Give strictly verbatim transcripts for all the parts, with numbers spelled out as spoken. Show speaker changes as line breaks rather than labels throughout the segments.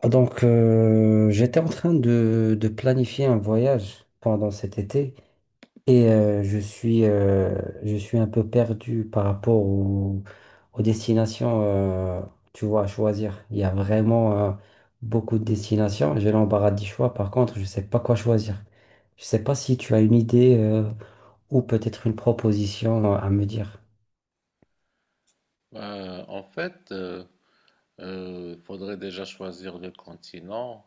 Ah, Donc, euh, j'étais en train de, de planifier un voyage pendant cet été et euh, je suis, euh, je suis un peu perdu par rapport au- aux destinations, euh, tu vois, à choisir. Il y a vraiment euh, beaucoup de destinations. J'ai l'embarras du choix. Par contre, je ne sais pas quoi choisir. Je ne sais pas si tu as une idée euh, ou peut-être une proposition euh, à me dire.
Euh, en fait, il faudrait déjà choisir le continent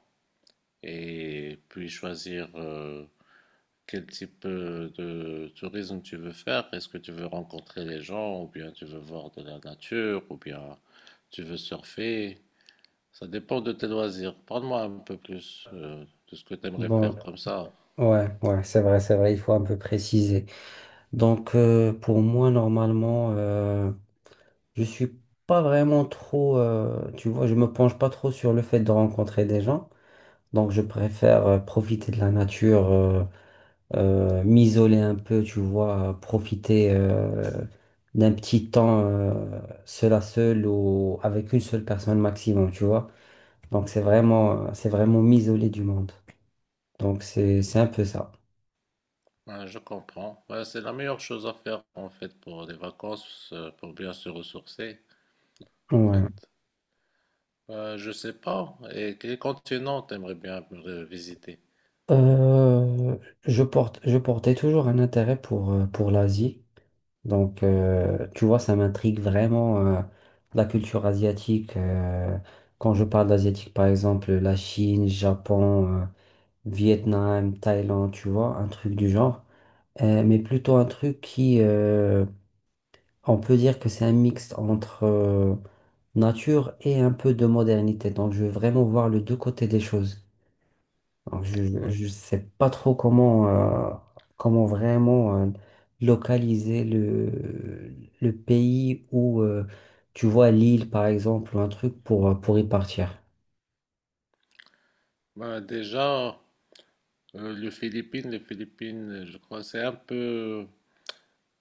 et puis choisir euh, quel type euh, de tourisme tu veux faire. Est-ce que tu veux rencontrer les gens ou bien tu veux voir de la nature ou bien tu veux surfer. Ça dépend de tes loisirs. Parle-moi un peu plus euh, de ce que tu aimerais
Bon,
faire comme ça.
ouais, ouais, c'est vrai, c'est vrai. Il faut un peu préciser. Donc, euh, pour moi, normalement. euh, Je suis pas vraiment trop, euh, tu vois, je me penche pas trop sur le fait de rencontrer des gens. Donc, je préfère euh, profiter de la nature, euh, euh, m'isoler un peu, tu vois, euh, profiter euh, d'un petit temps euh, seul à seul ou avec une seule personne maximum, tu vois. Donc, c'est vraiment, euh, c'est vraiment m'isoler du monde. Donc, c'est, c'est un peu ça.
Ouais, je comprends. Ouais, c'est la meilleure chose à faire en fait pour les vacances, euh, pour bien se ressourcer. En
Ouais.
fait, bah, je sais pas. Et quel continent t'aimerais bien euh, visiter?
Euh, je porte, je portais toujours un intérêt pour, euh, pour l'Asie. Donc, euh, tu vois, ça m'intrigue vraiment euh, la culture asiatique. Euh, quand je parle d'asiatique, par exemple, la Chine, Japon, euh, Vietnam, Thaïlande, tu vois, un truc du genre. Euh, mais plutôt un truc qui, euh, on peut dire que c'est un mix entre euh, nature et un peu de modernité. Donc, je veux vraiment voir les deux côtés des choses. Alors, je
Ouais.
ne sais pas trop comment, euh, comment vraiment euh, localiser le, le pays où euh, tu vois l'île, par exemple, ou un truc pour, euh, pour y partir.
Bah, déjà, euh, les Philippines, les Philippines, je crois, c'est un peu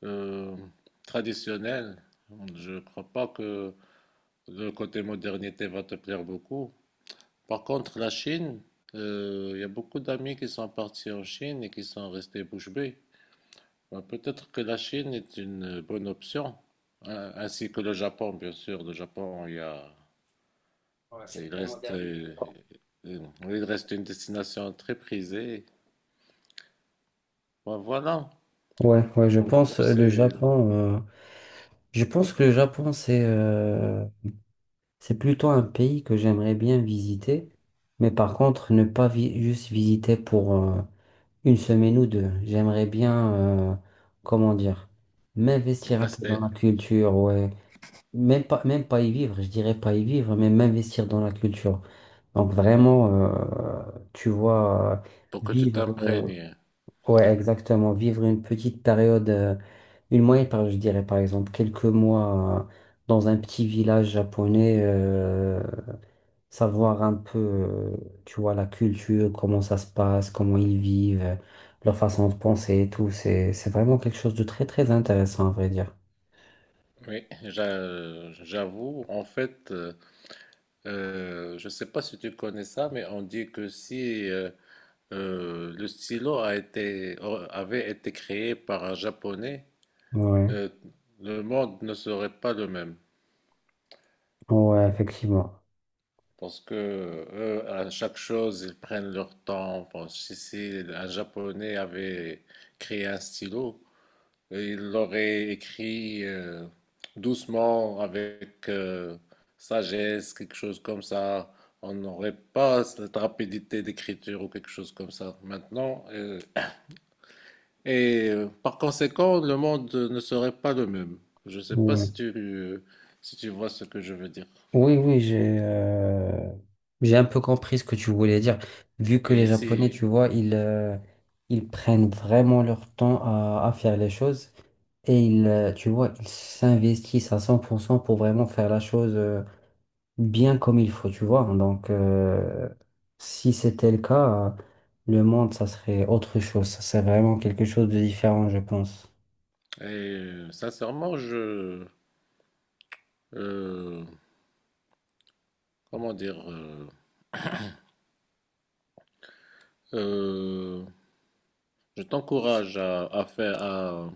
euh, traditionnel. Je crois pas que le côté modernité va te plaire beaucoup. Par contre, la Chine, euh, il y a beaucoup d'amis qui sont partis en Chine et qui sont restés bouche bée. Bah, peut-être que la Chine est une bonne option, hein, ainsi que le Japon, bien sûr. Le Japon, il y a
Ouais, c'est
il
très
reste,
moderne. le
euh,
Japon.
euh, il reste une destination très prisée. Bon, voilà.
Ouais, ouais, je
En
pense
gros,
euh, le
c'est
Japon. Euh, je pense que le Japon, c'est euh, c'est plutôt un pays que j'aimerais bien visiter, mais par contre, ne pas vi- juste visiter pour, euh, Une semaine ou deux. J'aimerais bien, euh, comment dire, m'investir un peu dans
rester
la culture, ouais. Même pas, même pas y vivre, je dirais pas y vivre, mais m'investir dans la culture. Donc vraiment, euh, tu vois, euh,
pour que tu
vivre,
t'imprègnes.
euh, ouais, exactement, vivre une petite période, euh, une moyenne période, je dirais par exemple, quelques mois, euh, dans un petit village japonais, euh, savoir un peu, euh, tu vois, la culture, comment ça se passe, comment ils vivent, euh, leur façon de penser et tout. C'est, c'est vraiment quelque chose de très, très intéressant, à vrai dire.
Oui, j'a- j'avoue. En fait, euh, euh, je ne sais pas si tu connais ça, mais on dit que si euh, euh, le stylo a été, euh, avait été créé par un Japonais,
Ouais,
euh, le monde ne serait pas le même.
ouais, effectivement.
Parce que eux, à chaque chose, ils prennent leur temps. Pense, si si un Japonais avait créé un stylo, il l'aurait écrit euh, doucement, avec euh, sagesse, quelque chose comme ça. On n'aurait pas cette rapidité d'écriture ou quelque chose comme ça maintenant. Euh, et euh, par conséquent, le monde ne serait pas le même. Je ne sais pas
Ouais.
si tu, si tu vois ce que je veux dire.
Oui, oui, j'ai euh, j'ai un peu compris ce que tu voulais dire. Vu que les
Et
Japonais,
si.
tu vois, ils, euh, ils prennent vraiment leur temps à, à faire les choses et ils, euh, tu vois, ils s'investissent à cent pour cent pour cent pour vraiment faire la chose. Euh, bien comme il faut, tu vois. Donc, euh, si c'était le cas, euh, le monde, ça serait autre chose. Ça serait vraiment quelque chose de différent, je pense.
Et euh, sincèrement, je, euh, comment dire, euh, euh, je
pense.
t'encourage à, à faire, à-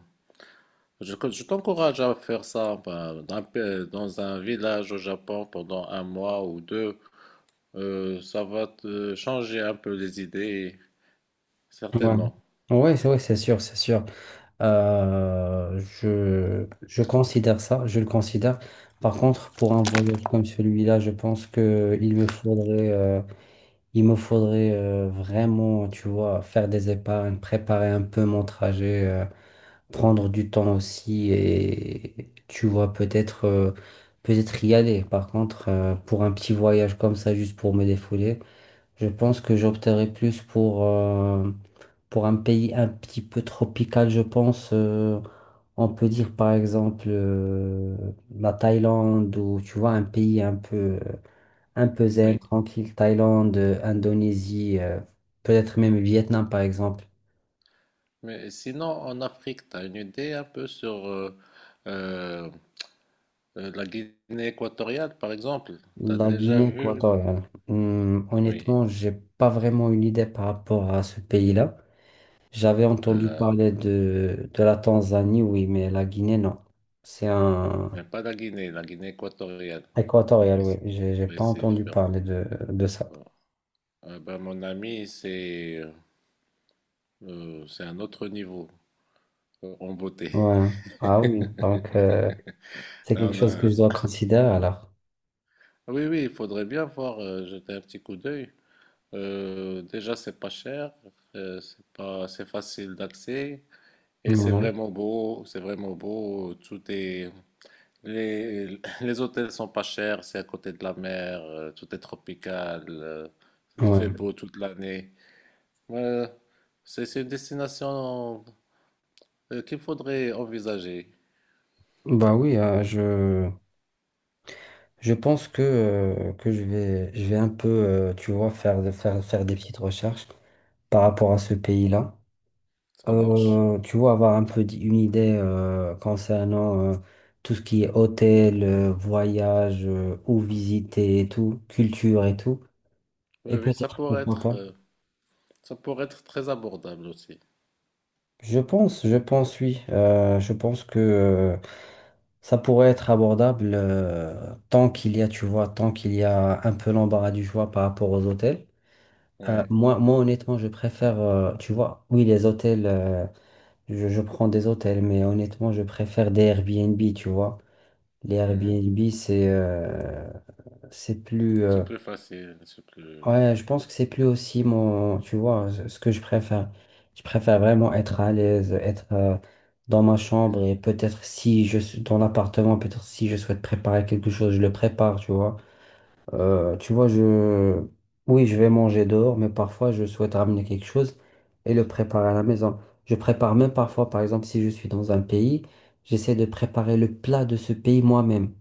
je, je t'encourage à faire ça bah, d'un pa- dans un village au Japon pendant un mois ou deux. Euh, ça va te changer un peu les idées,
Ouais,
certainement.
ouais, c'est ouais, c'est sûr, c'est sûr. Euh, je, je considère ça, je le considère. Par contre, pour un voyage comme celui-là, je pense que il me faudrait, euh, il me faudrait euh, vraiment, tu vois, faire des épargnes, préparer un peu mon trajet. Euh, prendre du temps aussi et tu vois peut-être euh, peut-être y aller. Par contre, euh, pour un petit voyage comme ça, juste pour me défouler, je pense que j'opterais plus pour, euh, pour un pays un petit peu tropical, je pense. Euh, on peut dire par exemple euh, la Thaïlande ou tu vois un pays un peu un peu zen,
Oui.
tranquille, Thaïlande, euh, Indonésie, euh, peut-être même Vietnam par exemple.
Mais sinon, en Afrique, tu as une idée un peu sur euh, euh, euh, la Guinée équatoriale, par exemple. Tu as
La
déjà
Guinée
vu?
équatoriale. Hum,
Oui.
honnêtement, j'ai pas vraiment une idée par rapport à ce pays-là. J'avais entendu
Euh,
parler de, de la Tanzanie, oui, mais la Guinée, non. C'est un
mais pas la Guinée, la Guinée équatoriale.
équatorial,
Et
oui.
c'est diff-
J'ai j'ai
ouais,
pas
c'est
entendu
différent.
parler de, de ça.
Voilà. Ah ben, mon ami, c'est euh, c'est un autre niveau euh, en beauté.
Ouais. Ah oui, donc euh, c'est
Là,
quelque
on
chose que
a...
je dois considérer alors.
Oui, oui, il faudrait bien voir, euh, jeter un petit coup d'œil. Euh, déjà, c'est pas cher, euh, c'est pas, c'est facile d'accès et c'est
Ouais.
vraiment beau, c'est vraiment beau. Tout est, les, les hôtels sont pas chers, c'est à côté de la mer, euh, tout est tropical, euh, il fait
Ouais.
beau toute l'année. Ouais, c'est c'est une destination euh, qu'il faudrait envisager.
Bah oui, euh, je, je pense que, euh, que je vais, je vais un peu, euh, tu vois, faire, faire, faire des petites recherches par rapport à ce pays-là.
Ça marche.
Euh, tu vois, avoir un peu d- une idée euh, concernant euh, tout ce qui est hôtel, euh, voyage, euh, où visiter et tout, culture et tout.
Oui,
Et
oui, ça
peut-être,
pourrait
pourquoi
être,
pas.
euh, ça pourrait être très abordable aussi.
Je pense, je pense, oui. Euh, je pense que euh, ça pourrait être abordable euh, tant qu'il y a, tu vois, tant qu'il y a un peu l'embarras du choix par rapport aux hôtels. Euh,
Ouais.
moi, moi, honnêtement, je préfère, euh, tu vois, oui, les hôtels, euh, je, je prends des hôtels, mais honnêtement, je préfère des Airbnb, tu vois. Les
Mhm.
Airbnb, c'est euh, c'est plus.
C'est
Euh,
plus facile, c'est plus.
ouais, je pense que c'est plus aussi mon. Tu vois, ce ce que je préfère. Je préfère vraiment être à l'aise, être euh, dans ma chambre et peut-être si je suis dans l'appartement, peut-être si je souhaite préparer quelque chose, je le prépare, tu vois. Euh, tu vois, je. Oui, je vais manger dehors, mais parfois je souhaite ramener quelque chose et le préparer à la maison. Je prépare même parfois, par exemple, si je suis dans un pays, j'essaie de préparer le plat de ce pays moi-même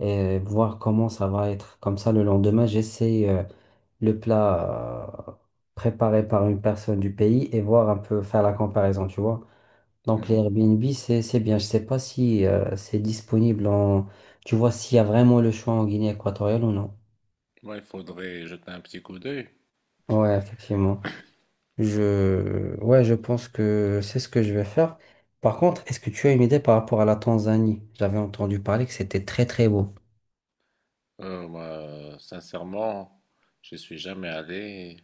et voir comment ça va être. Comme ça, le lendemain, j'essaie euh, le plat euh, préparé par une personne du pays et voir un peu faire la comparaison, tu vois. Donc, les
Mhm.
Airbnb, c'est, c'est bien. Je sais pas si euh, c'est disponible en... Tu vois, s'il y a vraiment le choix en Guinée équatoriale ou non.
Moi, il faudrait jeter un petit coup d'œil.
Ouais, effectivement. Je... Ouais, je pense que c'est ce que je vais faire. Par contre, est-ce que tu as une idée par rapport à la Tanzanie? J'avais entendu parler que c'était très très beau.
Euh, moi, sincèrement, je suis jamais allé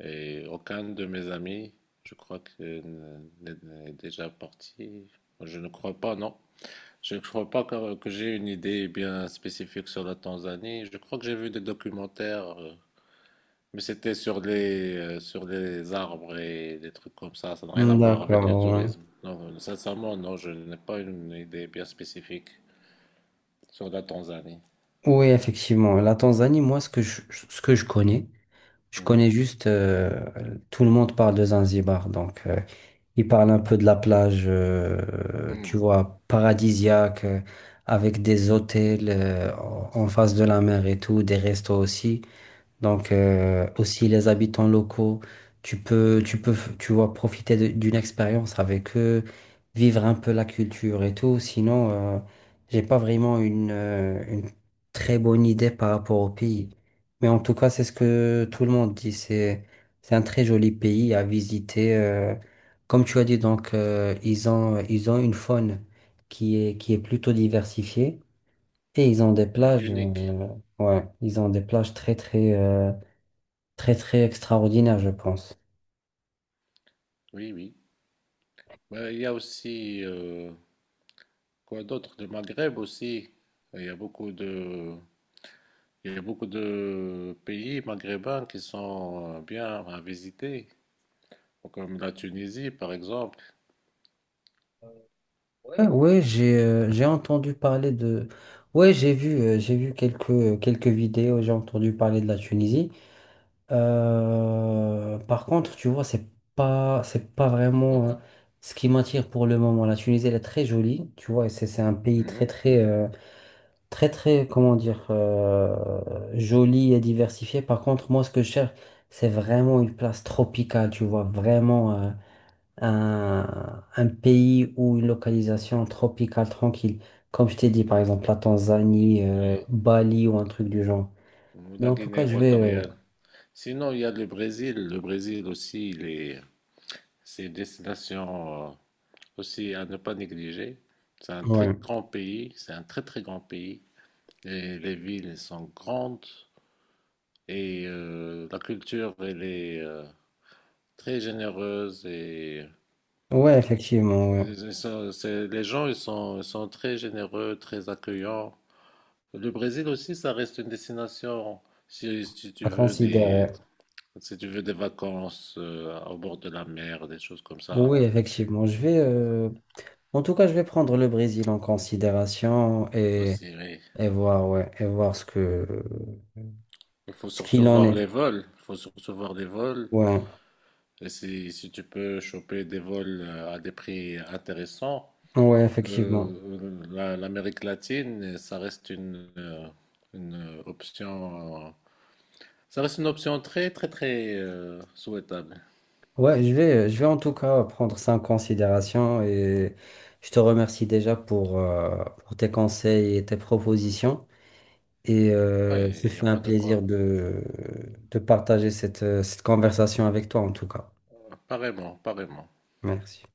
et aucun de mes amis, je crois que euh, n'est n'est déjà parti. Je ne crois pas, non. Je ne crois pas que, que j'ai une idée bien spécifique sur la Tanzanie. Je crois que j'ai vu des documentaires, euh, mais c'était sur les, euh, sur les arbres et des trucs comme ça. Ça n'a rien à
Hmm,
voir avec
D'accord,
le
ouais.
tourisme. Non, euh, sincèrement, non, je n'ai pas une idée bien spécifique sur la Tanzanie.
Oui, effectivement. La Tanzanie, moi, ce que je, ce que je connais, je
Mhm.
connais juste, euh, tout le monde parle de Zanzibar. Donc, euh, ils parlent un peu de la plage, euh, tu
Mhm.
vois, paradisiaque, euh, avec des hôtels, euh, en en face de la mer et tout, des restos aussi. Donc euh, aussi les habitants locaux, tu peux, tu peux, tu vois, profiter de- d'une expérience avec eux, vivre un peu la culture et tout. Sinon, euh, j'ai pas vraiment une, euh, une très bonne idée par rapport au pays. Mais en tout cas, c'est ce que tout le monde dit. C'est, c'est un très joli pays à visiter. Euh, comme tu as dit, donc euh, ils ont, ils ont une faune qui est, qui est plutôt diversifiée et ils ont des
Ouais,
plages,
unique.
euh, ouais, ils ont des plages très très. euh, Très, très extraordinaire, je pense.
Oui, oui. Ouais, il y a aussi, euh, quoi d'autre? Le Maghreb aussi. Il y a beaucoup de, il y a beaucoup de pays maghrébins qui sont euh, bien à visiter. Comme la Tunisie, par exemple.
Ouais, ouais, j'ai euh, j'ai entendu parler de... Ouais, j'ai vu, euh, j'ai vu quelques, quelques vidéos, j'ai entendu parler de la Tunisie. Euh, par contre, tu vois, c'est pas, c'est pas
Pas
vraiment euh,
vraiment.
ce qui m'attire pour le moment. La Tunisie, elle est très jolie, tu vois, et c'est c'est un pays très,
Mhm.
très, euh, très, très, comment dire, euh, joli et diversifié. Par contre, moi, ce que je cherche, c'est vraiment une place tropicale, tu vois, vraiment, euh, un, un pays ou une localisation tropicale tranquille. Comme je t'ai dit, par exemple, la Tanzanie, euh,
Oui.
Bali ou un truc du genre.
Ou
Mais
la
en tout
Guinée
cas, je vais... euh,
équatoriale. Sinon, il y a le Brésil. Le Brésil aussi, il est... c'est une destination euh, aussi à ne pas négliger. C'est un très
ouais.
grand pays. C'est un très, très grand pays. Et les villes elles sont grandes. Et euh, la culture, elle est euh, très généreuse. Et,
Ouais, effectivement, ouais.
et ça, c'est- les gens, ils sont, ils sont très généreux, très accueillants. Le Brésil aussi, ça reste une destination, si, si tu
À
veux
considérer.
des, si tu veux des vacances euh, au bord de la mer, des choses comme ça
Oui, effectivement. Je vais... euh, En tout cas, je vais prendre le Brésil en considération et,
aussi, oui.
et voir, ouais, et voir ce que,
Il faut
ce
surtout
qu'il en
voir
est.
les vols, il faut surtout voir les vols.
Ouais,
Et si, si tu peux choper des vols euh, à des prix intéressants,
ouais, effectivement.
euh, la- l'Amérique latine, ça reste une, euh, une option, euh, ça reste une option très, très, très euh, souhaitable.
Ouais, je vais, je vais en tout cas prendre ça en considération et je te remercie déjà pour, euh, pour tes conseils et tes propositions. Et euh,
Ouais,
ce
il n'y a
fut un
pas de
plaisir
quoi.
de, de partager cette, cette conversation avec toi en tout cas.
Apparemment, apparemment.
Merci.